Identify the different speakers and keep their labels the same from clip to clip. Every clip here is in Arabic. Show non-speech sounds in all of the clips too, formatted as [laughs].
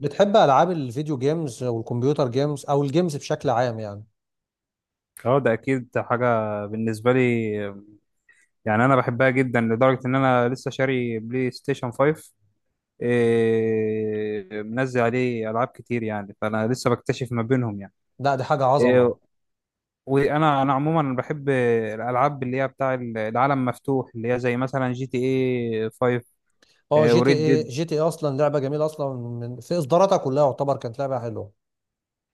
Speaker 1: بتحب العاب الفيديو جيمز والكمبيوتر جيمز او الجيمز بشكل عام يعني.
Speaker 2: اه، ده اكيد حاجه بالنسبه لي. يعني انا بحبها جدا لدرجه ان انا لسه شاري بلاي ستيشن 5. إيه، منزل عليه العاب كتير، يعني فانا لسه بكتشف ما بينهم يعني.
Speaker 1: لا دي حاجه
Speaker 2: إيه،
Speaker 1: عظمه.
Speaker 2: وانا انا عموما بحب الالعاب اللي هي بتاع العالم مفتوح، اللي هي زي مثلا جي تي اي 5.
Speaker 1: اه
Speaker 2: إيه،
Speaker 1: جي تي
Speaker 2: وريد
Speaker 1: اي،
Speaker 2: ديد.
Speaker 1: اصلا لعبه جميله اصلا من في اصداراتها كلها يعتبر كانت لعبه حلوه.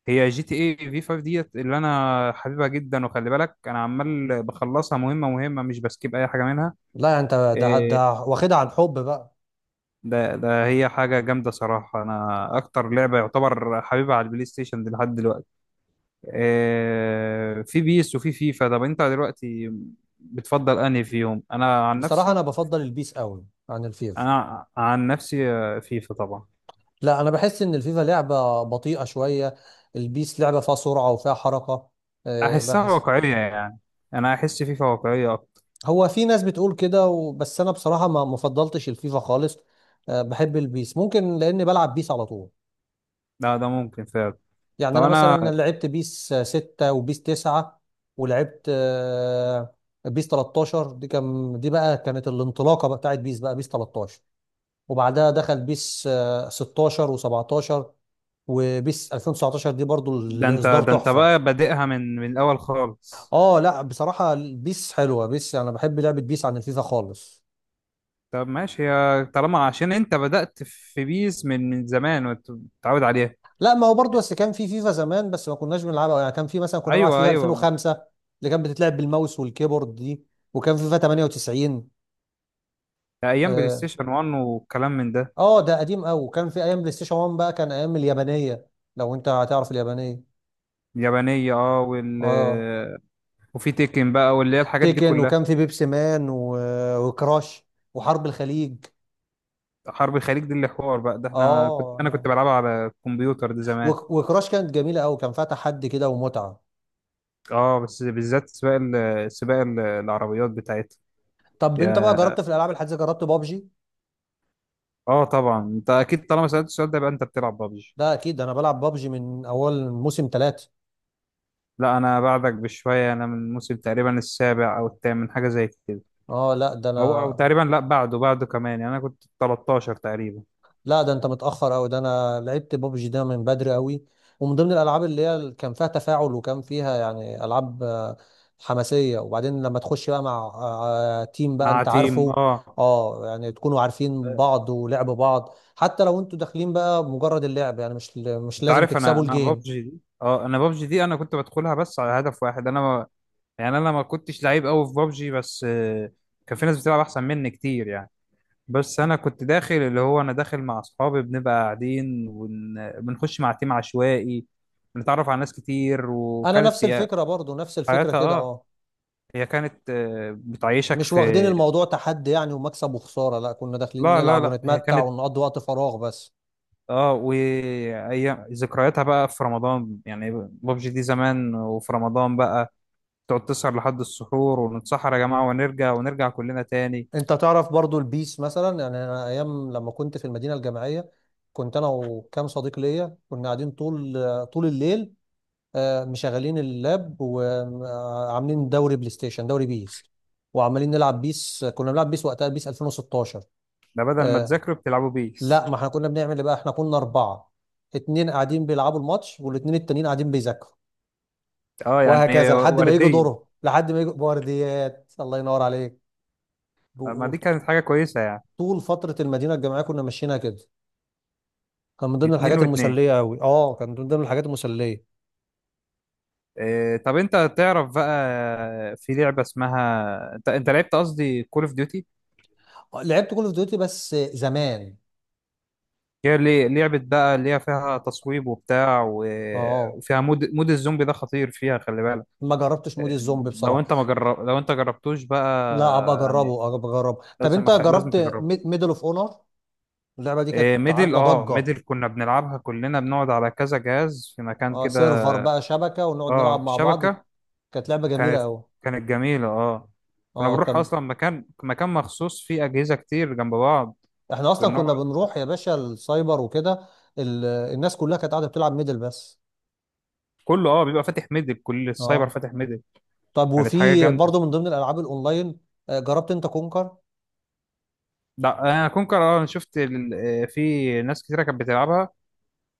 Speaker 2: هي جي تي اي في 5 ديت اللي انا حبيبها جدا، وخلي بالك انا عمال بخلصها مهمه مهمه، مش بسكيب اي حاجه منها.
Speaker 1: لا يعني انت ده
Speaker 2: إيه،
Speaker 1: ده واخدها عن حب بقى.
Speaker 2: ده هي حاجة جامدة صراحة. أنا أكتر لعبة يعتبر حبيبها على البلاي ستيشن دي لحد دلوقتي. في بيس وفي فيفا. طب أنت دلوقتي بتفضل أنهي فيهم؟ أنا عن
Speaker 1: بصراحه
Speaker 2: نفسي.
Speaker 1: انا بفضل البيس قوي عن الفيفا.
Speaker 2: أنا عن نفسي فيفا طبعا.
Speaker 1: لا انا بحس ان الفيفا لعبه بطيئه شويه. البيس لعبه فيها سرعه وفيها حركه.
Speaker 2: أحسها
Speaker 1: بحس.
Speaker 2: واقعية يعني. أنا أحس فيفا واقعية أكتر.
Speaker 1: هو في ناس بتقول كده بس انا بصراحه ما مفضلتش الفيفا خالص. بحب البيس ممكن لاني بلعب بيس على طول.
Speaker 2: ده ممكن فعلا.
Speaker 1: يعني
Speaker 2: طب
Speaker 1: انا
Speaker 2: أنا.
Speaker 1: مثلا لعبت بيس 6 وبيس 9، ولعبت بيس 13. دي بقى كانت الانطلاقه بقى بتاعت بيس بقى بيس 13. وبعدها دخل بيس 16 و17، وبيس 2019 دي برضو
Speaker 2: ده أنت
Speaker 1: الاصدار
Speaker 2: ده أنت
Speaker 1: تحفه.
Speaker 2: بقى بادئها من الأول خالص.
Speaker 1: اه لا بصراحه بيس حلوه، بيس انا بحب لعبه بيس عن الفيفا خالص.
Speaker 2: طب ماشي يا، طالما عشان أنت بدأت في بيس من زمان وأنت متعود عليها.
Speaker 1: لا ما هو برضو بس كان في فيفا زمان بس ما كناش بنلعبها، يعني كان في مثلا كنا بنلعب
Speaker 2: ايوه،
Speaker 1: فيفا
Speaker 2: ايوه.
Speaker 1: 2005 اللي كان بتتلعب بالماوس والكيبورد دي، وكان فيفا 98.
Speaker 2: ايام بلاي ستيشن 1 والكلام من ده.
Speaker 1: اه ده قديم قوي، كان في ايام بلاي ستيشن 1 بقى، كان ايام اليابانيه. لو انت هتعرف اليابانيه.
Speaker 2: اليابانيه، اه. وال،
Speaker 1: اه
Speaker 2: وفي تيكن بقى، واللي هي الحاجات دي
Speaker 1: تيكن،
Speaker 2: كلها.
Speaker 1: وكان في بيبسي مان وكراش وحرب الخليج.
Speaker 2: حرب الخليج دي اللي حوار بقى ده، احنا كنت،
Speaker 1: اه
Speaker 2: انا كنت
Speaker 1: لا.
Speaker 2: بلعبها على الكمبيوتر ده زمان.
Speaker 1: وكراش كانت جميله قوي، كان فيها تحدي كده ومتعه.
Speaker 2: اه، بس بالذات سباق ال- العربيات بتاعتها.
Speaker 1: طب انت بقى
Speaker 2: يا،
Speaker 1: جربت في الالعاب الحديثه، جربت بابجي؟
Speaker 2: اه طبعا انت اكيد، طالما سالت السؤال ده يبقى انت بتلعب بابجي.
Speaker 1: ده اكيد، ده انا بلعب بابجي من اول موسم ثلاثة.
Speaker 2: لا، انا بعدك بشويه. انا من الموسم تقريبا السابع او الثامن، حاجه زي كده.
Speaker 1: اه لا ده انا.
Speaker 2: او تقريبا، لا بعده، بعده كمان، يعني انا كنت 13 تقريبا.
Speaker 1: لا ده انت متأخر قوي، ده انا لعبت بابجي ده من بدري قوي. ومن ضمن الالعاب اللي هي كان فيها تفاعل وكان فيها يعني العاب حماسية. وبعدين لما تخش بقى مع تيم بقى،
Speaker 2: مع
Speaker 1: انت
Speaker 2: تيم،
Speaker 1: عارفه.
Speaker 2: اه.
Speaker 1: اه يعني تكونوا عارفين بعض ولعب بعض، حتى لو انتوا داخلين بقى بمجرد اللعب، يعني مش
Speaker 2: انت
Speaker 1: لازم
Speaker 2: عارف انا
Speaker 1: تكسبوا
Speaker 2: انا
Speaker 1: الجيم.
Speaker 2: بابجي دي، اه انا بابجي دي انا كنت بدخلها بس على هدف واحد. انا ما يعني انا ما كنتش لعيب قوي في بابجي، بس كان في ناس بتلعب احسن مني كتير يعني. بس انا كنت داخل، اللي هو انا داخل مع اصحابي، بنبقى قاعدين وبنخش مع تيم عشوائي، بنتعرف على ناس كتير.
Speaker 1: انا
Speaker 2: وكانت
Speaker 1: نفس
Speaker 2: هي
Speaker 1: الفكرة برضو، نفس الفكرة
Speaker 2: حياتها،
Speaker 1: كده
Speaker 2: اه.
Speaker 1: اه.
Speaker 2: هي كانت بتعيشك
Speaker 1: مش واخدين
Speaker 2: في.
Speaker 1: الموضوع تحدي يعني، ومكسب وخسارة، لا كنا داخلين
Speaker 2: لا لا
Speaker 1: نلعب
Speaker 2: لا، هي
Speaker 1: ونتمتع
Speaker 2: كانت.
Speaker 1: ونقضي وقت فراغ بس.
Speaker 2: اه، وايام ذكرياتها بقى في رمضان، يعني بابجي دي زمان وفي رمضان بقى تقعد تسهر لحد السحور ونتسحر يا جماعة، ونرجع ونرجع كلنا تاني.
Speaker 1: انت تعرف برضو البيس مثلا، يعني انا ايام لما كنت في المدينه الجامعيه كنت انا وكام صديق ليا كنا قاعدين طول الليل، مشغلين اللاب وعاملين دوري بلاي ستيشن، دوري بيس. وعمالين نلعب بيس، كنا بنلعب بيس وقتها بيس 2016.
Speaker 2: ده بدل ما
Speaker 1: آه،
Speaker 2: تذاكروا بتلعبوا بيس؟
Speaker 1: لا ما احنا كنا بنعمل ايه بقى، احنا كنا اربعه، اتنين قاعدين بيلعبوا الماتش والاتنين التانيين قاعدين بيذاكروا.
Speaker 2: اه، يعني
Speaker 1: وهكذا لحد ما يجي
Speaker 2: وردية.
Speaker 1: دوره، لحد ما يجي بورديات الله ينور عليك.
Speaker 2: طب ما
Speaker 1: و- و-
Speaker 2: دي كانت حاجة كويسة يعني.
Speaker 1: طول فتره المدينه الجامعيه كنا ماشيينها كده. كان من ضمن
Speaker 2: اتنين
Speaker 1: الحاجات
Speaker 2: واتنين.
Speaker 1: المسلية أوي، اه كان من ضمن الحاجات المسلية.
Speaker 2: إيه، طب انت تعرف بقى في لعبة اسمها، انت لعبت قصدي كول اوف ديوتي؟
Speaker 1: لعبت كول اوف ديوتي بس زمان.
Speaker 2: هي اللي لعبة بقى اللي هي فيها تصويب وبتاع
Speaker 1: اه
Speaker 2: وفيها مود الزومبي، ده خطير فيها، خلي بالك.
Speaker 1: ما جربتش
Speaker 2: إيه،
Speaker 1: مود الزومبي
Speaker 2: لو
Speaker 1: بصراحة.
Speaker 2: انت ما جرب... لو انت جربتوش
Speaker 1: لا ابقى
Speaker 2: بقى. يعني
Speaker 1: اجربه، ابقى اجربه. طب انت
Speaker 2: لازم
Speaker 1: جربت
Speaker 2: تجربه.
Speaker 1: ميدل اوف اونر؟ اللعبة دي
Speaker 2: إيه،
Speaker 1: كانت
Speaker 2: ميدل،
Speaker 1: عاملة
Speaker 2: اه
Speaker 1: ضجة.
Speaker 2: ميدل كنا بنلعبها كلنا، بنقعد على كذا جهاز في مكان
Speaker 1: اه
Speaker 2: كده.
Speaker 1: سيرفر بقى، شبكة ونقعد نلعب
Speaker 2: اه،
Speaker 1: مع بعض.
Speaker 2: شبكة.
Speaker 1: كانت لعبة جميلة
Speaker 2: كانت
Speaker 1: قوي.
Speaker 2: كانت جميلة، اه. كنا
Speaker 1: اه
Speaker 2: بنروح
Speaker 1: كان.
Speaker 2: اصلا مكان مخصوص فيه اجهزة كتير جنب بعض.
Speaker 1: احنا اصلا
Speaker 2: بنقعد.
Speaker 1: كنا بنروح يا باشا السايبر وكده. الناس كلها كانت قاعدة بتلعب ميدل بس.
Speaker 2: كله، اه، بيبقى فاتح ميدل، كل السايبر
Speaker 1: اه.
Speaker 2: فاتح ميدل.
Speaker 1: طب
Speaker 2: كانت حاجة
Speaker 1: وفي
Speaker 2: جامدة.
Speaker 1: برضه من ضمن الالعاب الاونلاين، جربت انت كونكر؟
Speaker 2: لا، انا كونكر، اه. أنا شفت ال-، في ناس كتيرة كانت بتلعبها،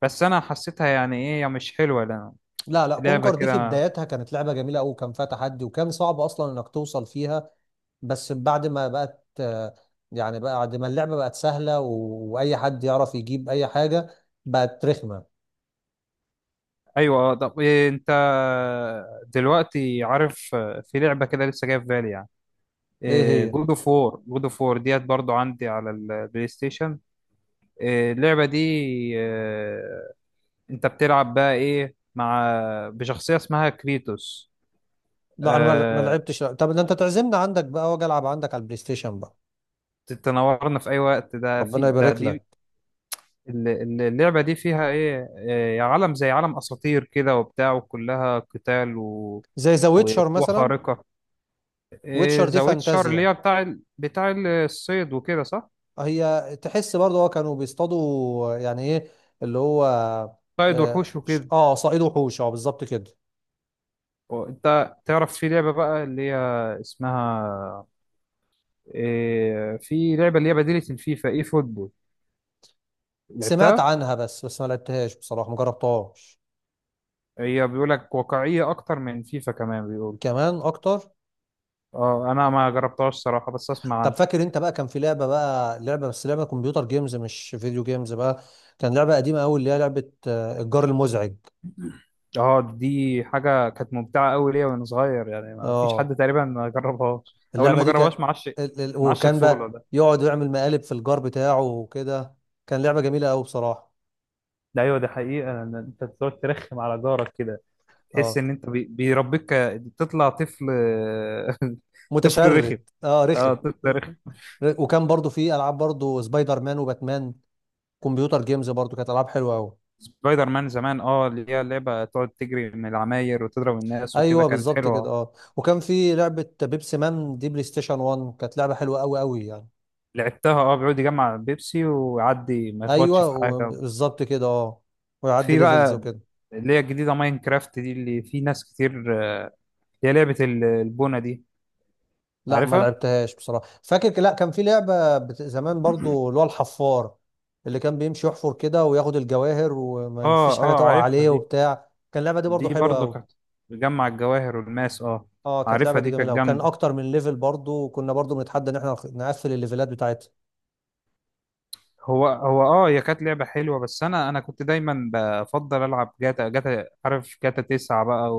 Speaker 2: بس انا حسيتها يعني ايه، يعني مش حلوة لأ.
Speaker 1: لا لا،
Speaker 2: لعبة
Speaker 1: كونكر دي في
Speaker 2: كده.
Speaker 1: بدايتها كانت لعبة جميلة أوي، وكان فيها تحدي، وكان صعب أصلا إنك توصل فيها. بس بعد ما بقت يعني بعد ما اللعبة بقت سهلة وأي حد يعرف يجيب أي حاجة، بقت رخمة.
Speaker 2: ايوه، اه. طب إيه، انت دلوقتي عارف في لعبة كده لسه جاية في بالي يعني؟
Speaker 1: إيه هي؟
Speaker 2: جود اوف وور ديت برضو عندي على البلاي ستيشن. إيه، اللعبة دي. آه، انت بتلعب بقى ايه؟ بشخصية اسمها كريتوس.
Speaker 1: لا أنا ما
Speaker 2: آه،
Speaker 1: لعبتش. طب ده أنت تعزمنا عندك بقى وأجي ألعب عندك على البلاي ستيشن بقى.
Speaker 2: تتنورنا في اي وقت. ده
Speaker 1: ربنا
Speaker 2: في ده
Speaker 1: يبارك
Speaker 2: دي.
Speaker 1: لك.
Speaker 2: اللعبة دي فيها ايه، عالم زي عالم اساطير كده وبتاع، وكلها قتال و
Speaker 1: زي ذا ويتشر
Speaker 2: وقوة
Speaker 1: مثلا.
Speaker 2: خارقة. إيه،
Speaker 1: ويتشر دي
Speaker 2: ذا ويتشر
Speaker 1: فانتازيا.
Speaker 2: اللي هي بتاع الصيد وكده، صح؟
Speaker 1: هي تحس برضه، هو كانوا بيصطادوا يعني إيه، اللي هو.
Speaker 2: صيد
Speaker 1: آه
Speaker 2: وحوش وكده.
Speaker 1: آه صائد وحوش، أه بالظبط كده.
Speaker 2: وانت تعرف في لعبة بقى اللي هي اسمها إيه، في لعبة اللي هي بديلة الفيفا، ايه فوتبول؟
Speaker 1: سمعت
Speaker 2: لعبتها؟
Speaker 1: عنها بس، ما لعبتهاش بصراحة، ما جربتهاش.
Speaker 2: هي بيقول لك واقعية اكتر من فيفا كمان بيقول.
Speaker 1: كمان اكتر.
Speaker 2: اه، انا ما جربتهاش صراحة، بس اسمع
Speaker 1: طب
Speaker 2: عنها.
Speaker 1: فاكر انت بقى كان في لعبة بقى، لعبة كمبيوتر جيمز مش فيديو جيمز بقى. كان لعبة قديمة قوي، اللي هي لعبة الجار المزعج.
Speaker 2: اه، دي حاجة كانت ممتعة قوي ليا وانا صغير، يعني ما فيش
Speaker 1: اه
Speaker 2: حد تقريبا ما جربهاش او اللي
Speaker 1: اللعبة
Speaker 2: ما
Speaker 1: دي كان
Speaker 2: جربهاش معاش معاش
Speaker 1: وكان
Speaker 2: طفولة
Speaker 1: بقى
Speaker 2: ده.
Speaker 1: يقعد يعمل مقالب في الجار بتاعه وكده. كان لعبة جميلة قوي بصراحة.
Speaker 2: ده ايوه، دي حقيقة، لأن انت بتقعد ترخم على جارك كده. تحس
Speaker 1: اه
Speaker 2: ان انت بيربيك، تطلع طفل. [laughs] طفل رخم.
Speaker 1: متشرد، اه رخم.
Speaker 2: اه، طفل رخم.
Speaker 1: وكان برضو في العاب برضو سبايدر مان وباتمان، كمبيوتر جيمز برضو، كانت العاب حلوة قوي.
Speaker 2: سبايدر مان زمان، اه، اللي هي لعبة تقعد تجري من العماير وتضرب الناس وكده،
Speaker 1: ايوه
Speaker 2: كانت
Speaker 1: بالظبط كده
Speaker 2: حلوة.
Speaker 1: اه. وكان في لعبه بيبسي مان دي بلاي ستيشن 1، كانت لعبه حلوه قوي قوي يعني.
Speaker 2: لعبتها، اه. بيقعد يجمع بيبسي ويعدي ما يخبطش
Speaker 1: ايوه
Speaker 2: في حاجة.
Speaker 1: بالظبط كده اه. ويعدي
Speaker 2: في
Speaker 1: ليفلز
Speaker 2: بقى
Speaker 1: وكده.
Speaker 2: اللي هي الجديدة ماينكرافت دي اللي في ناس كتير، آه، اللي هي لعبة ال- البونة دي،
Speaker 1: لا ما
Speaker 2: عارفها؟
Speaker 1: لعبتهاش بصراحه. فاكر لا كان في زمان برضو اللي هو الحفار، اللي كان بيمشي يحفر كده وياخد الجواهر وما
Speaker 2: اه،
Speaker 1: فيش حاجه
Speaker 2: اه،
Speaker 1: تقع
Speaker 2: عارفها
Speaker 1: عليه
Speaker 2: دي.
Speaker 1: وبتاع، كان اللعبه دي برضو
Speaker 2: دي
Speaker 1: حلوه
Speaker 2: برضو
Speaker 1: قوي.
Speaker 2: كانت بتجمع الجواهر والماس، اه.
Speaker 1: اه كانت اللعبه
Speaker 2: عارفها
Speaker 1: دي
Speaker 2: دي، كانت
Speaker 1: جميله، وكان
Speaker 2: جامدة.
Speaker 1: اكتر من ليفل برضو، وكنا برضو بنتحدى ان احنا نقفل الليفلات بتاعتها.
Speaker 2: هو هو اه هي كانت لعبة حلوة، بس انا كنت دايما بفضل العب جاتا عارف، جاتا 9 بقى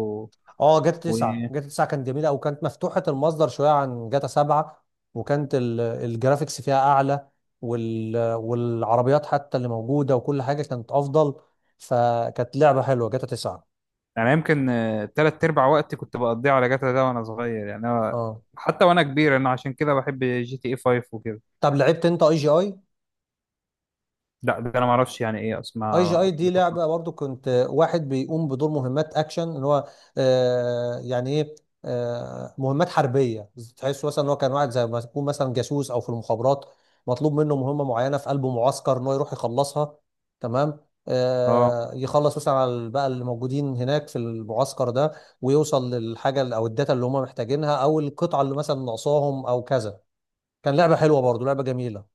Speaker 1: اه جاتا
Speaker 2: و...
Speaker 1: 9، جاتا 9 كانت جميله، او كانت مفتوحه المصدر شويه عن جاتا 7. وكانت الجرافيكس فيها اعلى، والعربيات حتى اللي موجوده وكل حاجه كانت افضل، فكانت لعبه حلوه جاتا 9.
Speaker 2: يعني يمكن تلات ارباع وقتي كنت بقضيه على جاتا ده وانا صغير، يعني أنا
Speaker 1: اه
Speaker 2: حتى وانا كبير، انا عشان كده بحب جي تي اي 5 وكده.
Speaker 1: طب لعبت انت اي جي اي؟
Speaker 2: لا، ده انا ما اعرفش يعني ايه
Speaker 1: اي جي اي
Speaker 2: اسمها.
Speaker 1: دي لعبه برضو، كنت واحد بيقوم بدور مهمات اكشن، ان هو آه يعني ايه، آه مهمات حربيه. تحس مثلا ان هو كان واحد زي ما يكون مثلا جاسوس او في المخابرات، مطلوب منه مهمه معينه في قلب معسكر ان هو يروح يخلصها. تمام.
Speaker 2: اه.
Speaker 1: آه يخلص مثلا على بقى اللي موجودين هناك في المعسكر ده، ويوصل للحاجه او الداتا اللي هم محتاجينها، او القطعه اللي مثلا ناقصاهم، او كذا. كان لعبه حلوه برضو، لعبه جميله،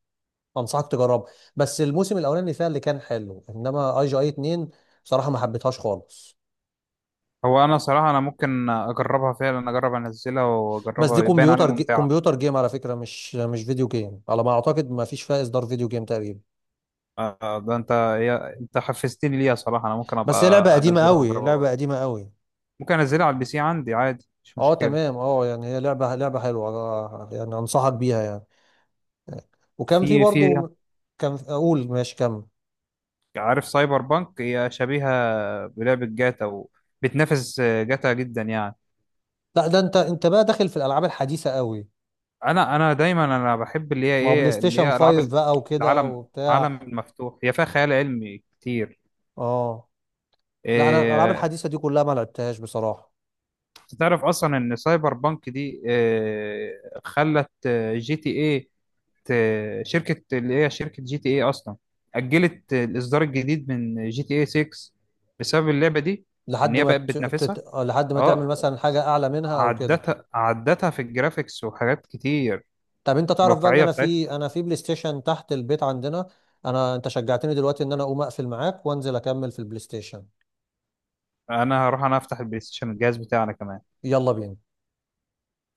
Speaker 1: انصحك تجربها. بس الموسم الاولاني فيها اللي كان حلو، انما اي جي اي 2 بصراحه ما حبيتهاش خالص.
Speaker 2: هو انا صراحة انا ممكن اجربها فعلا، اجرب انزلها
Speaker 1: بس دي
Speaker 2: واجربها، يبان عليها ممتعة.
Speaker 1: كمبيوتر جيم على فكره، مش مش فيديو جيم على ما اعتقد، ما فيش فيها اصدار فيديو جيم تقريبا.
Speaker 2: ده انت، انت حفزتني ليها صراحة. انا ممكن ابقى
Speaker 1: بس هي لعبه قديمه
Speaker 2: انزلها
Speaker 1: قوي،
Speaker 2: واجربها
Speaker 1: لعبه
Speaker 2: برضه.
Speaker 1: قديمه قوي.
Speaker 2: ممكن انزلها على البي سي عندي عادي، مش
Speaker 1: اه
Speaker 2: مشكلة.
Speaker 1: تمام، اه يعني هي لعبه حلوه، يعني انصحك بيها يعني. وكان في
Speaker 2: في
Speaker 1: برضو. كان اقول ماشي كمل.
Speaker 2: عارف سايبر بانك هي شبيهة بلعبة جاتا، وبتنافس جاتا جدا يعني.
Speaker 1: لا ده انت، انت بقى داخل في الالعاب الحديثه قوي.
Speaker 2: انا دايما انا بحب اللي هي
Speaker 1: ما هو بلاي
Speaker 2: ايه، اللي
Speaker 1: ستيشن
Speaker 2: هي العاب
Speaker 1: 5
Speaker 2: ال-
Speaker 1: بقى وكده
Speaker 2: العالم عالم
Speaker 1: وبتاع.
Speaker 2: مفتوح. هي فيها خيال علمي كتير.
Speaker 1: اه لا انا الالعاب
Speaker 2: إيه.
Speaker 1: الحديثه دي كلها ما لعبتهاش بصراحه.
Speaker 2: تعرف اصلا ان سايبر بانك دي إيه، خلت جي تي ايه ت- شركه اللي هي شركه جي تي ايه اصلا اجلت الاصدار الجديد من جي تي ايه 6 بسبب اللعبه دي. ان
Speaker 1: لحد
Speaker 2: هي
Speaker 1: ما
Speaker 2: بقت
Speaker 1: تش...
Speaker 2: بتنافسها،
Speaker 1: تت... آه، لحد ما تعمل
Speaker 2: اه.
Speaker 1: مثلا حاجه اعلى منها او كده.
Speaker 2: عدتها في الجرافيكس وحاجات كتير،
Speaker 1: طب انت تعرف بقى ان
Speaker 2: والواقعيه
Speaker 1: انا
Speaker 2: بتاعتها.
Speaker 1: في انا في بلاي ستيشن تحت البيت عندنا. انا انت شجعتني دلوقتي ان انا اقوم اقفل معاك وانزل اكمل في البلاي ستيشن.
Speaker 2: انا هروح انا افتح البلاي ستيشن الجهاز بتاعنا كمان.
Speaker 1: يلا بينا.